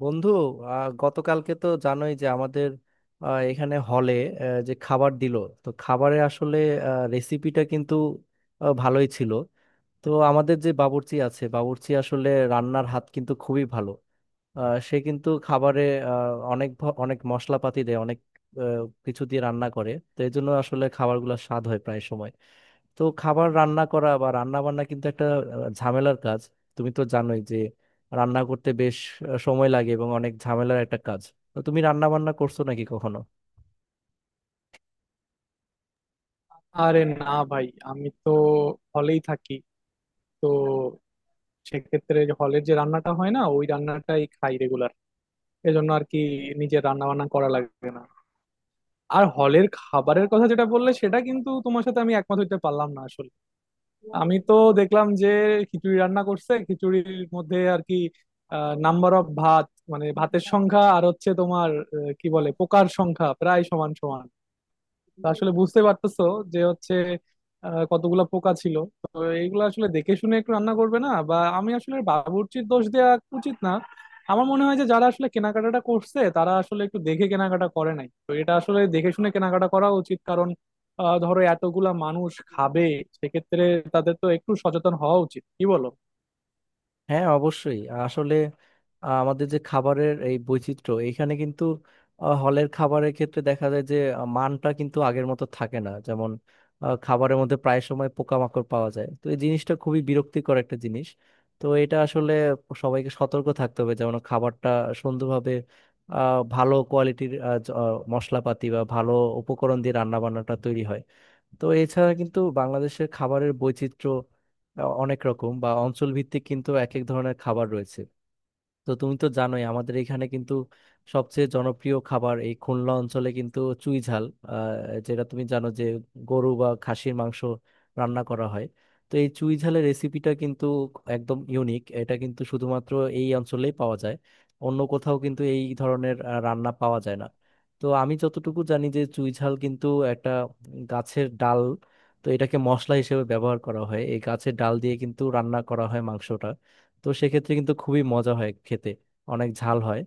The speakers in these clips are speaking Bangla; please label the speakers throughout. Speaker 1: বন্ধু, গতকালকে তো জানোই যে আমাদের এখানে হলে যে খাবার দিলো, তো খাবারের আসলে রেসিপিটা কিন্তু ভালোই ছিল। তো আমাদের যে বাবুর্চি আছে, বাবুর্চি আসলে রান্নার হাত কিন্তু খুবই ভালো। সে কিন্তু খাবারে অনেক অনেক মশলাপাতি দেয়, অনেক আহ, কিছু দিয়ে রান্না করে, তো এই জন্য আসলে খাবারগুলো স্বাদ হয় প্রায় সময়। তো খাবার রান্না করা বা রান্না বান্না কিন্তু একটা ঝামেলার কাজ। তুমি তো জানোই যে রান্না করতে বেশ সময় লাগে এবং অনেক ঝামেলার একটা কাজ। তো তুমি রান্না বান্না করছো নাকি কখনো?
Speaker 2: আরে না ভাই, আমি তো হলেই থাকি। তো সেক্ষেত্রে যে হলের যে রান্নাটা হয় না ওই রান্নাটাই খাই রেগুলার, এজন্য আর কি। নিজের রান্না বান্না করা লাগবে না। আর হলের খাবারের কথা যেটা বললে সেটা কিন্তু তোমার সাথে আমি একমত হইতে পারলাম না আসলে। আমি তো দেখলাম যে খিচুড়ি রান্না করছে, খিচুড়ির মধ্যে আর কি নাম্বার অফ ভাত, মানে ভাতের সংখ্যা আর হচ্ছে তোমার কি বলে পোকার সংখ্যা প্রায় সমান সমান। তো আসলে বুঝতে পারতেছো যে হচ্ছে কতগুলা পোকা ছিল। তো এইগুলো আসলে দেখে শুনে একটু রান্না করবে না, বা আমি আসলে বাবুর্চির দোষ দেওয়া উচিত না। আমার মনে হয় যে যারা আসলে কেনাকাটাটা করছে তারা আসলে একটু দেখে কেনাকাটা করে নাই, তো এটা আসলে দেখে শুনে কেনাকাটা করা উচিত, কারণ ধরো এতগুলা মানুষ খাবে, সেক্ষেত্রে তাদের তো একটু সচেতন হওয়া উচিত, কি বলো?
Speaker 1: হ্যাঁ, অবশ্যই। আসলে আমাদের যে খাবারের এই বৈচিত্র্য এখানে কিন্তু হলের খাবারের ক্ষেত্রে দেখা যায় যে মানটা কিন্তু আগের মতো থাকে না। যেমন খাবারের মধ্যে প্রায় সময় পোকামাকড় পাওয়া যায়, তো এই জিনিসটা খুবই বিরক্তিকর একটা জিনিস। তো এটা আসলে সবাইকে সতর্ক থাকতে হবে, যেমন খাবারটা সুন্দরভাবে, ভালো কোয়ালিটির মশলাপাতি বা ভালো উপকরণ দিয়ে রান্না বান্নাটা তৈরি হয়। তো এছাড়া কিন্তু বাংলাদেশের খাবারের বৈচিত্র্য অনেক রকম বা অঞ্চল ভিত্তিক কিন্তু এক এক ধরনের খাবার রয়েছে। তো তুমি তো জানোই আমাদের এখানে কিন্তু সবচেয়ে জনপ্রিয় খাবার এই খুলনা অঞ্চলে কিন্তু চুই ঝাল, যেটা তুমি জানো যে গরু বা খাসির মাংস রান্না করা হয়। তো এই চুই ঝালের রেসিপিটা কিন্তু একদম ইউনিক, এটা কিন্তু শুধুমাত্র এই অঞ্চলেই পাওয়া যায়, অন্য কোথাও কিন্তু এই ধরনের রান্না পাওয়া যায় না। তো আমি যতটুকু জানি যে চুই ঝাল কিন্তু একটা গাছের ডাল, তো এটাকে মশলা হিসেবে ব্যবহার করা হয়, এই গাছের ডাল দিয়ে কিন্তু রান্না করা হয় মাংসটা। তো সেক্ষেত্রে কিন্তু খুবই মজা হয় খেতে, অনেক ঝাল হয়।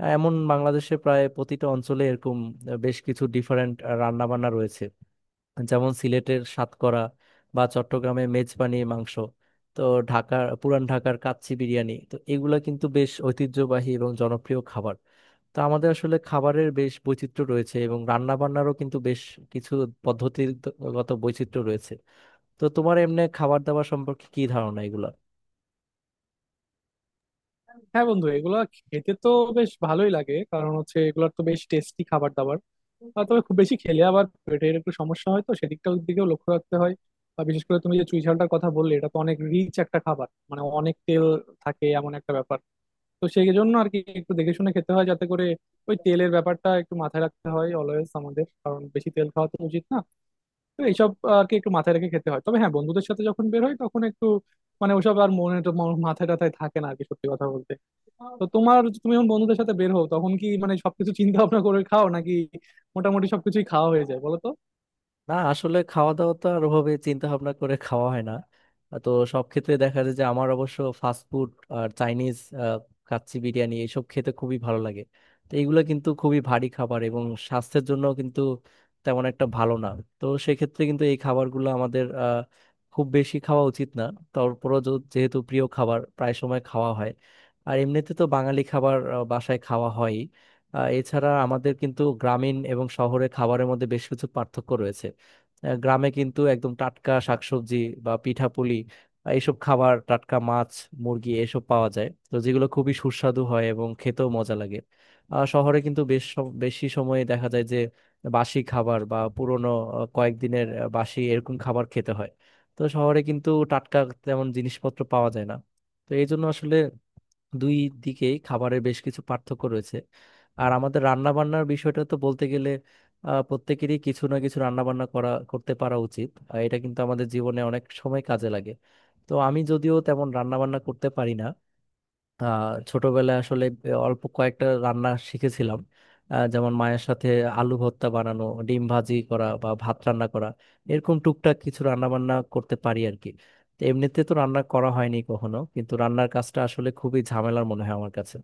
Speaker 1: এমন বাংলাদেশে প্রায় প্রতিটা অঞ্চলে এরকম বেশ কিছু ডিফারেন্ট রান্না বান্না রয়েছে, যেমন সিলেটের সাতকরা বা চট্টগ্রামে মেজবানি মাংস, তো ঢাকার পুরান ঢাকার কাচ্চি বিরিয়ানি, তো এগুলা কিন্তু বেশ ঐতিহ্যবাহী এবং জনপ্রিয় খাবার। তো আমাদের আসলে খাবারের বেশ বৈচিত্র্য রয়েছে এবং রান্না বান্নারও কিন্তু বেশ কিছু পদ্ধতিগত বৈচিত্র্য রয়েছে। তো তোমার এমনি খাবার দাবার সম্পর্কে কি ধারণা এগুলা?
Speaker 2: হ্যাঁ বন্ধু, এগুলা খেতে তো বেশ ভালোই লাগে, কারণ হচ্ছে এগুলোর তো বেশ টেস্টি খাবার দাবার। তবে খুব বেশি খেলে আবার পেটের একটু সমস্যা হয়, তো সেদিকটার দিকেও লক্ষ্য রাখতে হয়। আর বিশেষ করে তুমি যে চুই ঝালটার কথা বললে এটা তো অনেক রিচ একটা খাবার, মানে অনেক তেল থাকে এমন একটা ব্যাপার। তো সেই জন্য আর কি একটু দেখে শুনে খেতে হয়, যাতে করে ওই তেলের ব্যাপারটা একটু মাথায় রাখতে হয় অলওয়েজ আমাদের, কারণ বেশি তেল খাওয়া তো উচিত না। তো এইসব আর কি একটু মাথায় রেখে খেতে হয়। তবে হ্যাঁ, বন্ধুদের সাথে যখন বের হয় তখন একটু মানে ওসব আর মনে তো মাথায় টাথায় থাকে না আর কি, সত্যি কথা বলতে। তো তোমার, তুমি যখন বন্ধুদের সাথে বের হও তখন কি মানে সবকিছু চিন্তা ভাবনা করে খাও, নাকি মোটামুটি সবকিছুই খাওয়া হয়ে যায় বলো তো?
Speaker 1: না, আসলে খাওয়া দাওয়া তো আর ওভাবে চিন্তা ভাবনা করে খাওয়া হয় না। তো সব ক্ষেত্রে দেখা যায় যে আমার অবশ্য ফাস্ট ফুড আর চাইনিজ কাচ্চি বিরিয়ানি এসব খেতে খুবই ভালো লাগে। তো এগুলো কিন্তু খুবই ভারী খাবার এবং স্বাস্থ্যের জন্য কিন্তু তেমন একটা ভালো না। তো সেক্ষেত্রে কিন্তু এই খাবারগুলো আমাদের খুব বেশি খাওয়া উচিত না। তারপরও যেহেতু প্রিয় খাবার প্রায় সময় খাওয়া হয়। আর এমনিতে তো বাঙালি খাবার বাসায় খাওয়া হয়। এছাড়া আমাদের কিন্তু গ্রামীণ এবং শহরে খাবারের মধ্যে বেশ কিছু পার্থক্য রয়েছে। গ্রামে কিন্তু একদম টাটকা শাকসবজি বা পিঠাপুলি, এইসব খাবার, টাটকা মাছ মুরগি এসব পাওয়া যায়, তো যেগুলো খুবই সুস্বাদু হয় এবং খেতেও মজা লাগে। শহরে কিন্তু বেশ বেশি সময়ে দেখা যায় যে বাসি খাবার বা পুরনো কয়েকদিনের বাসি এরকম খাবার খেতে হয়। তো শহরে কিন্তু টাটকা তেমন জিনিসপত্র পাওয়া যায় না। তো এই জন্য আসলে দুই দিকেই খাবারের বেশ কিছু পার্থক্য রয়েছে। আর আমাদের রান্না বান্নার বিষয়টা তো বলতে গেলে প্রত্যেকেরই কিছু না কিছু রান্না বান্না করা করতে পারা উচিত, আর এটা কিন্তু আমাদের জীবনে অনেক সময় কাজে লাগে। তো আমি যদিও তেমন রান্না বান্না করতে পারি না, ছোটবেলায় আসলে অল্প কয়েকটা রান্না শিখেছিলাম, যেমন মায়ের সাথে আলু ভর্তা বানানো, ডিম ভাজি করা বা ভাত রান্না করা, এরকম টুকটাক কিছু রান্না বান্না করতে পারি আর কি। তো এমনিতে তো রান্না করা হয়নি কখনো, কিন্তু রান্নার কাজটা আসলে খুবই ঝামেলার মনে হয় আমার কাছে।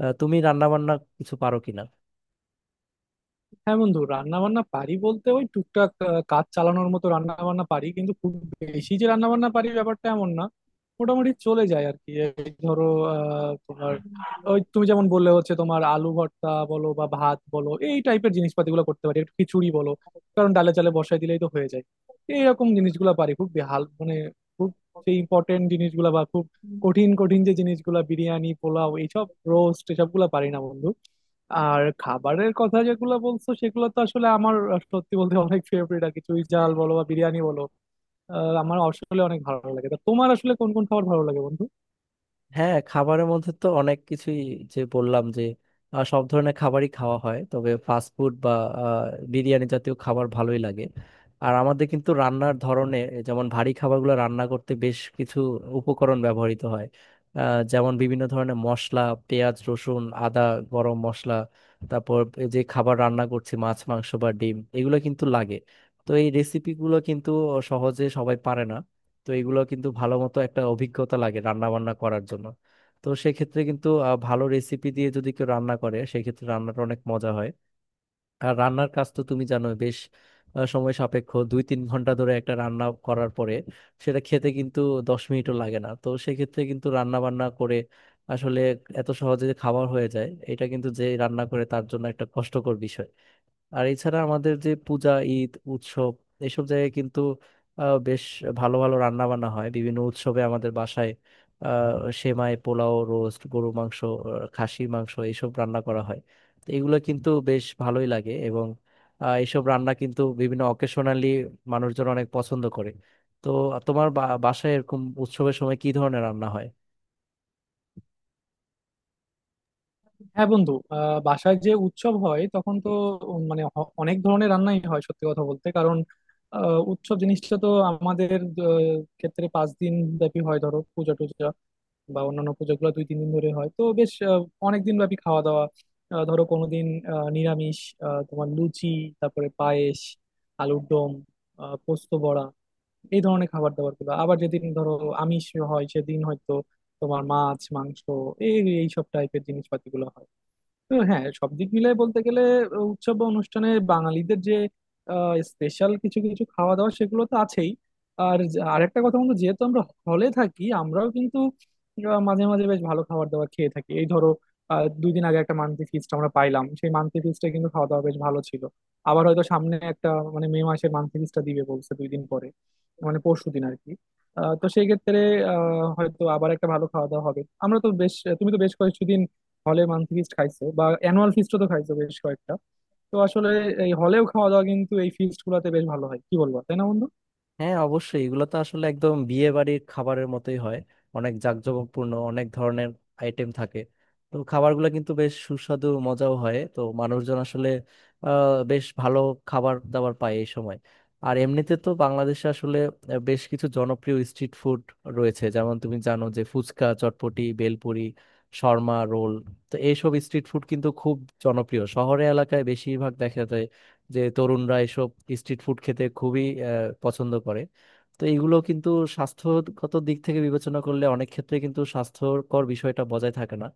Speaker 1: তুমি রান্না বান্না কিছু পারো কিনা?
Speaker 2: হ্যাঁ বন্ধু, রান্না বান্না পারি বলতে ওই টুকটাক কাজ চালানোর মতো রান্না বান্না পারি, কিন্তু খুব বেশি যে রান্না বান্না পারি ব্যাপারটা এমন না। মোটামুটি চলে যায় আর কি। এই ধরো তোমার ওই তুমি যেমন বললে হচ্ছে তোমার আলু ভর্তা বলো বা ভাত বলো এই টাইপের জিনিসপাতিগুলো করতে পারি, একটু খিচুড়ি বলো, কারণ ডালে চালে বসাই দিলেই তো হয়ে যায়। এইরকম জিনিসগুলো পারি। খুব বেহাল মানে খুব সেই ইম্পর্টেন্ট জিনিসগুলো বা খুব কঠিন কঠিন যে জিনিসগুলো বিরিয়ানি পোলাও এইসব রোস্ট এসবগুলো পারি না বন্ধু। আর খাবারের কথা যেগুলো বলছো সেগুলো তো আসলে আমার, সত্যি বলতে, অনেক ফেভারিট আর কি। চুই ঝাল বলো বা বিরিয়ানি বলো, আমার আসলে অনেক ভালো লাগে। তা তোমার আসলে কোন কোন খাবার ভালো লাগে বন্ধু?
Speaker 1: হ্যাঁ, খাবারের মধ্যে তো অনেক কিছুই, যে বললাম যে সব ধরনের খাবারই খাওয়া হয়, তবে ফাস্ট ফুড বা আহ, বিরিয়ানি জাতীয় খাবার ভালোই লাগে। আর আমাদের কিন্তু রান্নার ধরনে, যেমন ভারী খাবারগুলো রান্না করতে বেশ কিছু উপকরণ ব্যবহৃত হয়, যেমন বিভিন্ন ধরনের মশলা, পেঁয়াজ, রসুন, আদা, গরম মশলা, তারপর এই যে খাবার রান্না করছি মাছ মাংস বা ডিম এগুলো কিন্তু লাগে। তো এই রেসিপিগুলো কিন্তু সহজে সবাই পারে না। তো এগুলো কিন্তু ভালো মতো একটা অভিজ্ঞতা লাগে রান্না বান্না করার জন্য। তো সেক্ষেত্রে কিন্তু ভালো রেসিপি দিয়ে যদি কেউ রান্না করে সেক্ষেত্রে রান্নাটা অনেক মজা হয়। আর রান্নার কাজ তো তুমি জানো বেশ সময় সাপেক্ষ, 2-3 ঘন্টা ধরে একটা রান্না করার পরে সেটা খেতে কিন্তু 10 মিনিটও লাগে না। তো সেক্ষেত্রে কিন্তু রান্না বান্না করে আসলে এত সহজে যে খাবার হয়ে যায় এটা কিন্তু যে রান্না করে তার জন্য একটা কষ্টকর বিষয়। আর এছাড়া আমাদের যে পূজা, ঈদ, উৎসব এসব জায়গায় কিন্তু বেশ ভালো ভালো রান্না বান্না হয় বিভিন্ন উৎসবে আমাদের বাসায়। আহ, সেমাই, পোলাও, রোস্ট, গরু মাংস, খাসির মাংস এইসব রান্না করা হয়। তো এগুলো কিন্তু বেশ ভালোই লাগে এবং এইসব রান্না কিন্তু বিভিন্ন অকেশনালি মানুষজন অনেক পছন্দ করে। তো তোমার বাসায় এরকম উৎসবের সময় কি ধরনের রান্না হয়?
Speaker 2: হ্যাঁ বন্ধু, বাসায় যে উৎসব হয় তখন তো মানে অনেক ধরনের রান্নাই হয়, সত্যি কথা বলতে। কারণ উৎসব জিনিসটা তো আমাদের ক্ষেত্রে 5 দিন ব্যাপী হয়, ধরো পূজা টুজা বা অন্যান্য পুজোগুলো 2 3 দিন ধরে হয়, তো বেশ অনেক দিন ব্যাপী খাওয়া দাওয়া। ধরো কোনোদিন নিরামিষ, তোমার লুচি, তারপরে পায়েস, আলুর দম, পোস্ত বড়া, এই ধরনের খাবার দাবার গুলো। আবার যেদিন ধরো আমিষ হয় সেদিন হয়তো তোমার মাছ মাংস এই এইসব টাইপের জিনিসপাতি গুলো হয়। তো হ্যাঁ, সব দিক মিলাই বলতে গেলে উৎসব বা অনুষ্ঠানে বাঙালিদের যে স্পেশাল কিছু কিছু খাওয়া দাওয়া সেগুলো তো আছেই। আর আরেকটা কথা বন্ধু, যেহেতু আমরা হলে থাকি, আমরাও কিন্তু মাঝে মাঝে বেশ ভালো খাবার দাবার খেয়ে থাকি। এই ধরো 2 দিন আগে একটা মান্থলি ফিস্ট আমরা পাইলাম, সেই মান্থলি ফিস্টে কিন্তু খাওয়া দাওয়া বেশ ভালো ছিল। আবার হয়তো সামনে একটা মানে মে মাসে মান্থলি ফিস্টটা দিবে বলছে, 2 দিন পরে মানে পরশু দিন আর কি। তো সেই ক্ষেত্রে হয়তো আবার একটা ভালো খাওয়া দাওয়া হবে। আমরা তো বেশ, তুমি তো বেশ কয়েকদিন হলে মান্থলি ফিস্ট খাইছো বা অ্যানুয়াল ফিস্টও তো খাইছো বেশ কয়েকটা। তো আসলে এই হলেও খাওয়া দাওয়া কিন্তু এই ফিস্ট গুলাতে বেশ ভালো হয়, কি বলবো তাই না বন্ধু?
Speaker 1: হ্যাঁ, অবশ্যই এগুলো তো আসলে একদম বিয়ে বাড়ির খাবারের মতোই হয়, অনেক জাঁকজমকপূর্ণ, অনেক ধরনের আইটেম থাকে। তো খাবারগুলো কিন্তু বেশ সুস্বাদু, মজাও হয়, তো মানুষজন আসলে বেশ ভালো খাবার দাবার পায় এই সময়। আর এমনিতে তো বাংলাদেশে আসলে বেশ কিছু জনপ্রিয় স্ট্রিট ফুড রয়েছে, যেমন তুমি জানো যে ফুচকা, চটপটি, বেলপুরি, শর্মা, রোল। তো এইসব স্ট্রিট ফুড কিন্তু খুব জনপ্রিয়, শহরে এলাকায় বেশিরভাগ দেখা যায় যে তরুণরা এসব স্ট্রিট ফুড খেতে খুবই পছন্দ করে। তো এগুলো কিন্তু স্বাস্থ্যগত দিক থেকে বিবেচনা করলে অনেক ক্ষেত্রে কিন্তু স্বাস্থ্যকর বিষয়টা বজায় থাকে না,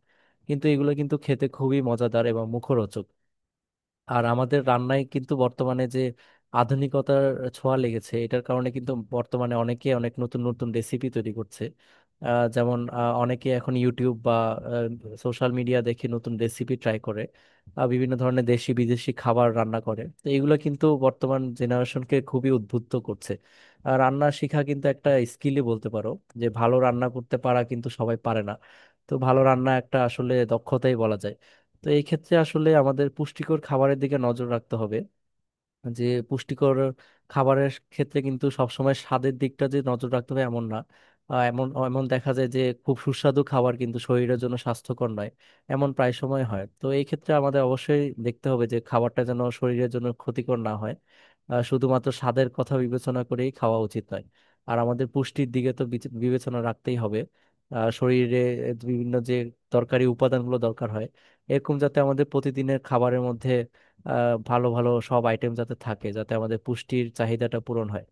Speaker 1: কিন্তু এগুলো কিন্তু খেতে খুবই মজাদার এবং মুখরোচক। আর আমাদের রান্নায় কিন্তু বর্তমানে যে আধুনিকতার ছোঁয়া লেগেছে, এটার কারণে কিন্তু বর্তমানে অনেকে অনেক নতুন নতুন রেসিপি তৈরি করছে। যেমন অনেকে এখন ইউটিউব বা সোশ্যাল মিডিয়া দেখে নতুন রেসিপি ট্রাই করে, বিভিন্ন ধরনের দেশি বিদেশি খাবার রান্না করে, তো এগুলো কিন্তু বর্তমান জেনারেশনকে খুবই উদ্বুদ্ধ করছে। আর রান্না শেখা কিন্তু একটা স্কিলই বলতে পারো, যে ভালো রান্না করতে পারা কিন্তু সবাই পারে না। তো ভালো রান্না একটা আসলে দক্ষতাই বলা যায়। তো এই ক্ষেত্রে আসলে আমাদের পুষ্টিকর খাবারের দিকে নজর রাখতে হবে, যে পুষ্টিকর খাবারের ক্ষেত্রে কিন্তু সবসময় স্বাদের দিকটা যে নজর রাখতে হবে এমন না। এমন এমন দেখা যায় যে খুব সুস্বাদু খাবার কিন্তু শরীরের জন্য স্বাস্থ্যকর নয়, এমন প্রায় সময় হয়, তো এই ক্ষেত্রে আমাদের অবশ্যই দেখতে হবে যে খাবারটা যেন শরীরের জন্য ক্ষতিকর না হয়। শুধুমাত্র স্বাদের কথা বিবেচনা করেই খাওয়া উচিত নয়। আর আমাদের পুষ্টির দিকে তো বিবেচনা রাখতেই হবে। শরীরে বিভিন্ন যে দরকারি উপাদানগুলো দরকার হয়, এরকম যাতে আমাদের প্রতিদিনের খাবারের মধ্যে ভালো ভালো সব আইটেম যাতে থাকে, যাতে আমাদের পুষ্টির চাহিদাটা পূরণ হয়।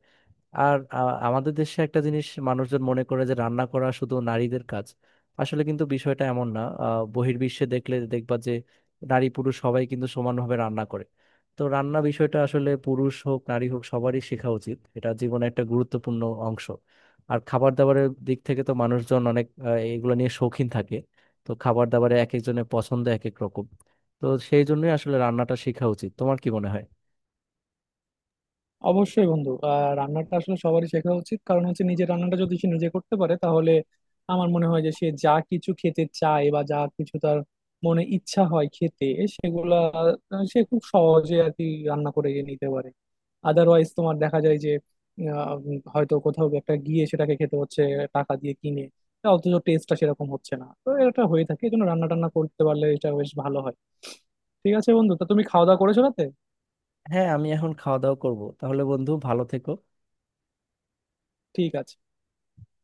Speaker 1: আর আমাদের দেশে একটা জিনিস মানুষজন মনে করে যে রান্না করা শুধু নারীদের কাজ। আসলে কিন্তু বিষয়টা এমন না, বহির্বিশ্বে দেখলে দেখবা যে নারী পুরুষ সবাই কিন্তু সমানভাবে রান্না করে। তো রান্না বিষয়টা আসলে পুরুষ হোক নারী হোক সবারই শেখা উচিত, এটা জীবনে একটা গুরুত্বপূর্ণ অংশ। আর খাবার দাবারের দিক থেকে তো মানুষজন অনেক এগুলো নিয়ে শৌখিন থাকে। তো খাবার দাবারে এক একজনের পছন্দ এক এক রকম। তো সেই জন্যই আসলে রান্নাটা শেখা উচিত, তোমার কি মনে হয়?
Speaker 2: অবশ্যই বন্ধু, রান্নাটা আসলে সবারই শেখা উচিত, কারণ হচ্ছে নিজের রান্নাটা যদি সে নিজে করতে পারে তাহলে আমার মনে হয় যে সে যা কিছু খেতে চায় বা যা কিছু তার মনে ইচ্ছা হয় খেতে সেগুলা সে খুব সহজে আর কি রান্না করে নিতে পারে। আদারওয়াইজ তোমার দেখা যায় যে হয়তো কোথাও একটা গিয়ে সেটাকে খেতে হচ্ছে টাকা দিয়ে কিনে, তা অথচ টেস্টটা সেরকম হচ্ছে না। তো এটা হয়ে থাকে, এই জন্য রান্না টান্না করতে পারলে এটা বেশ ভালো হয়। ঠিক আছে বন্ধু, তো তুমি খাওয়া দাওয়া করেছো রাতে?
Speaker 1: হ্যাঁ, আমি এখন খাওয়া দাওয়া করব তাহলে। বন্ধু, ভালো থেকো।
Speaker 2: ঠিক আছে।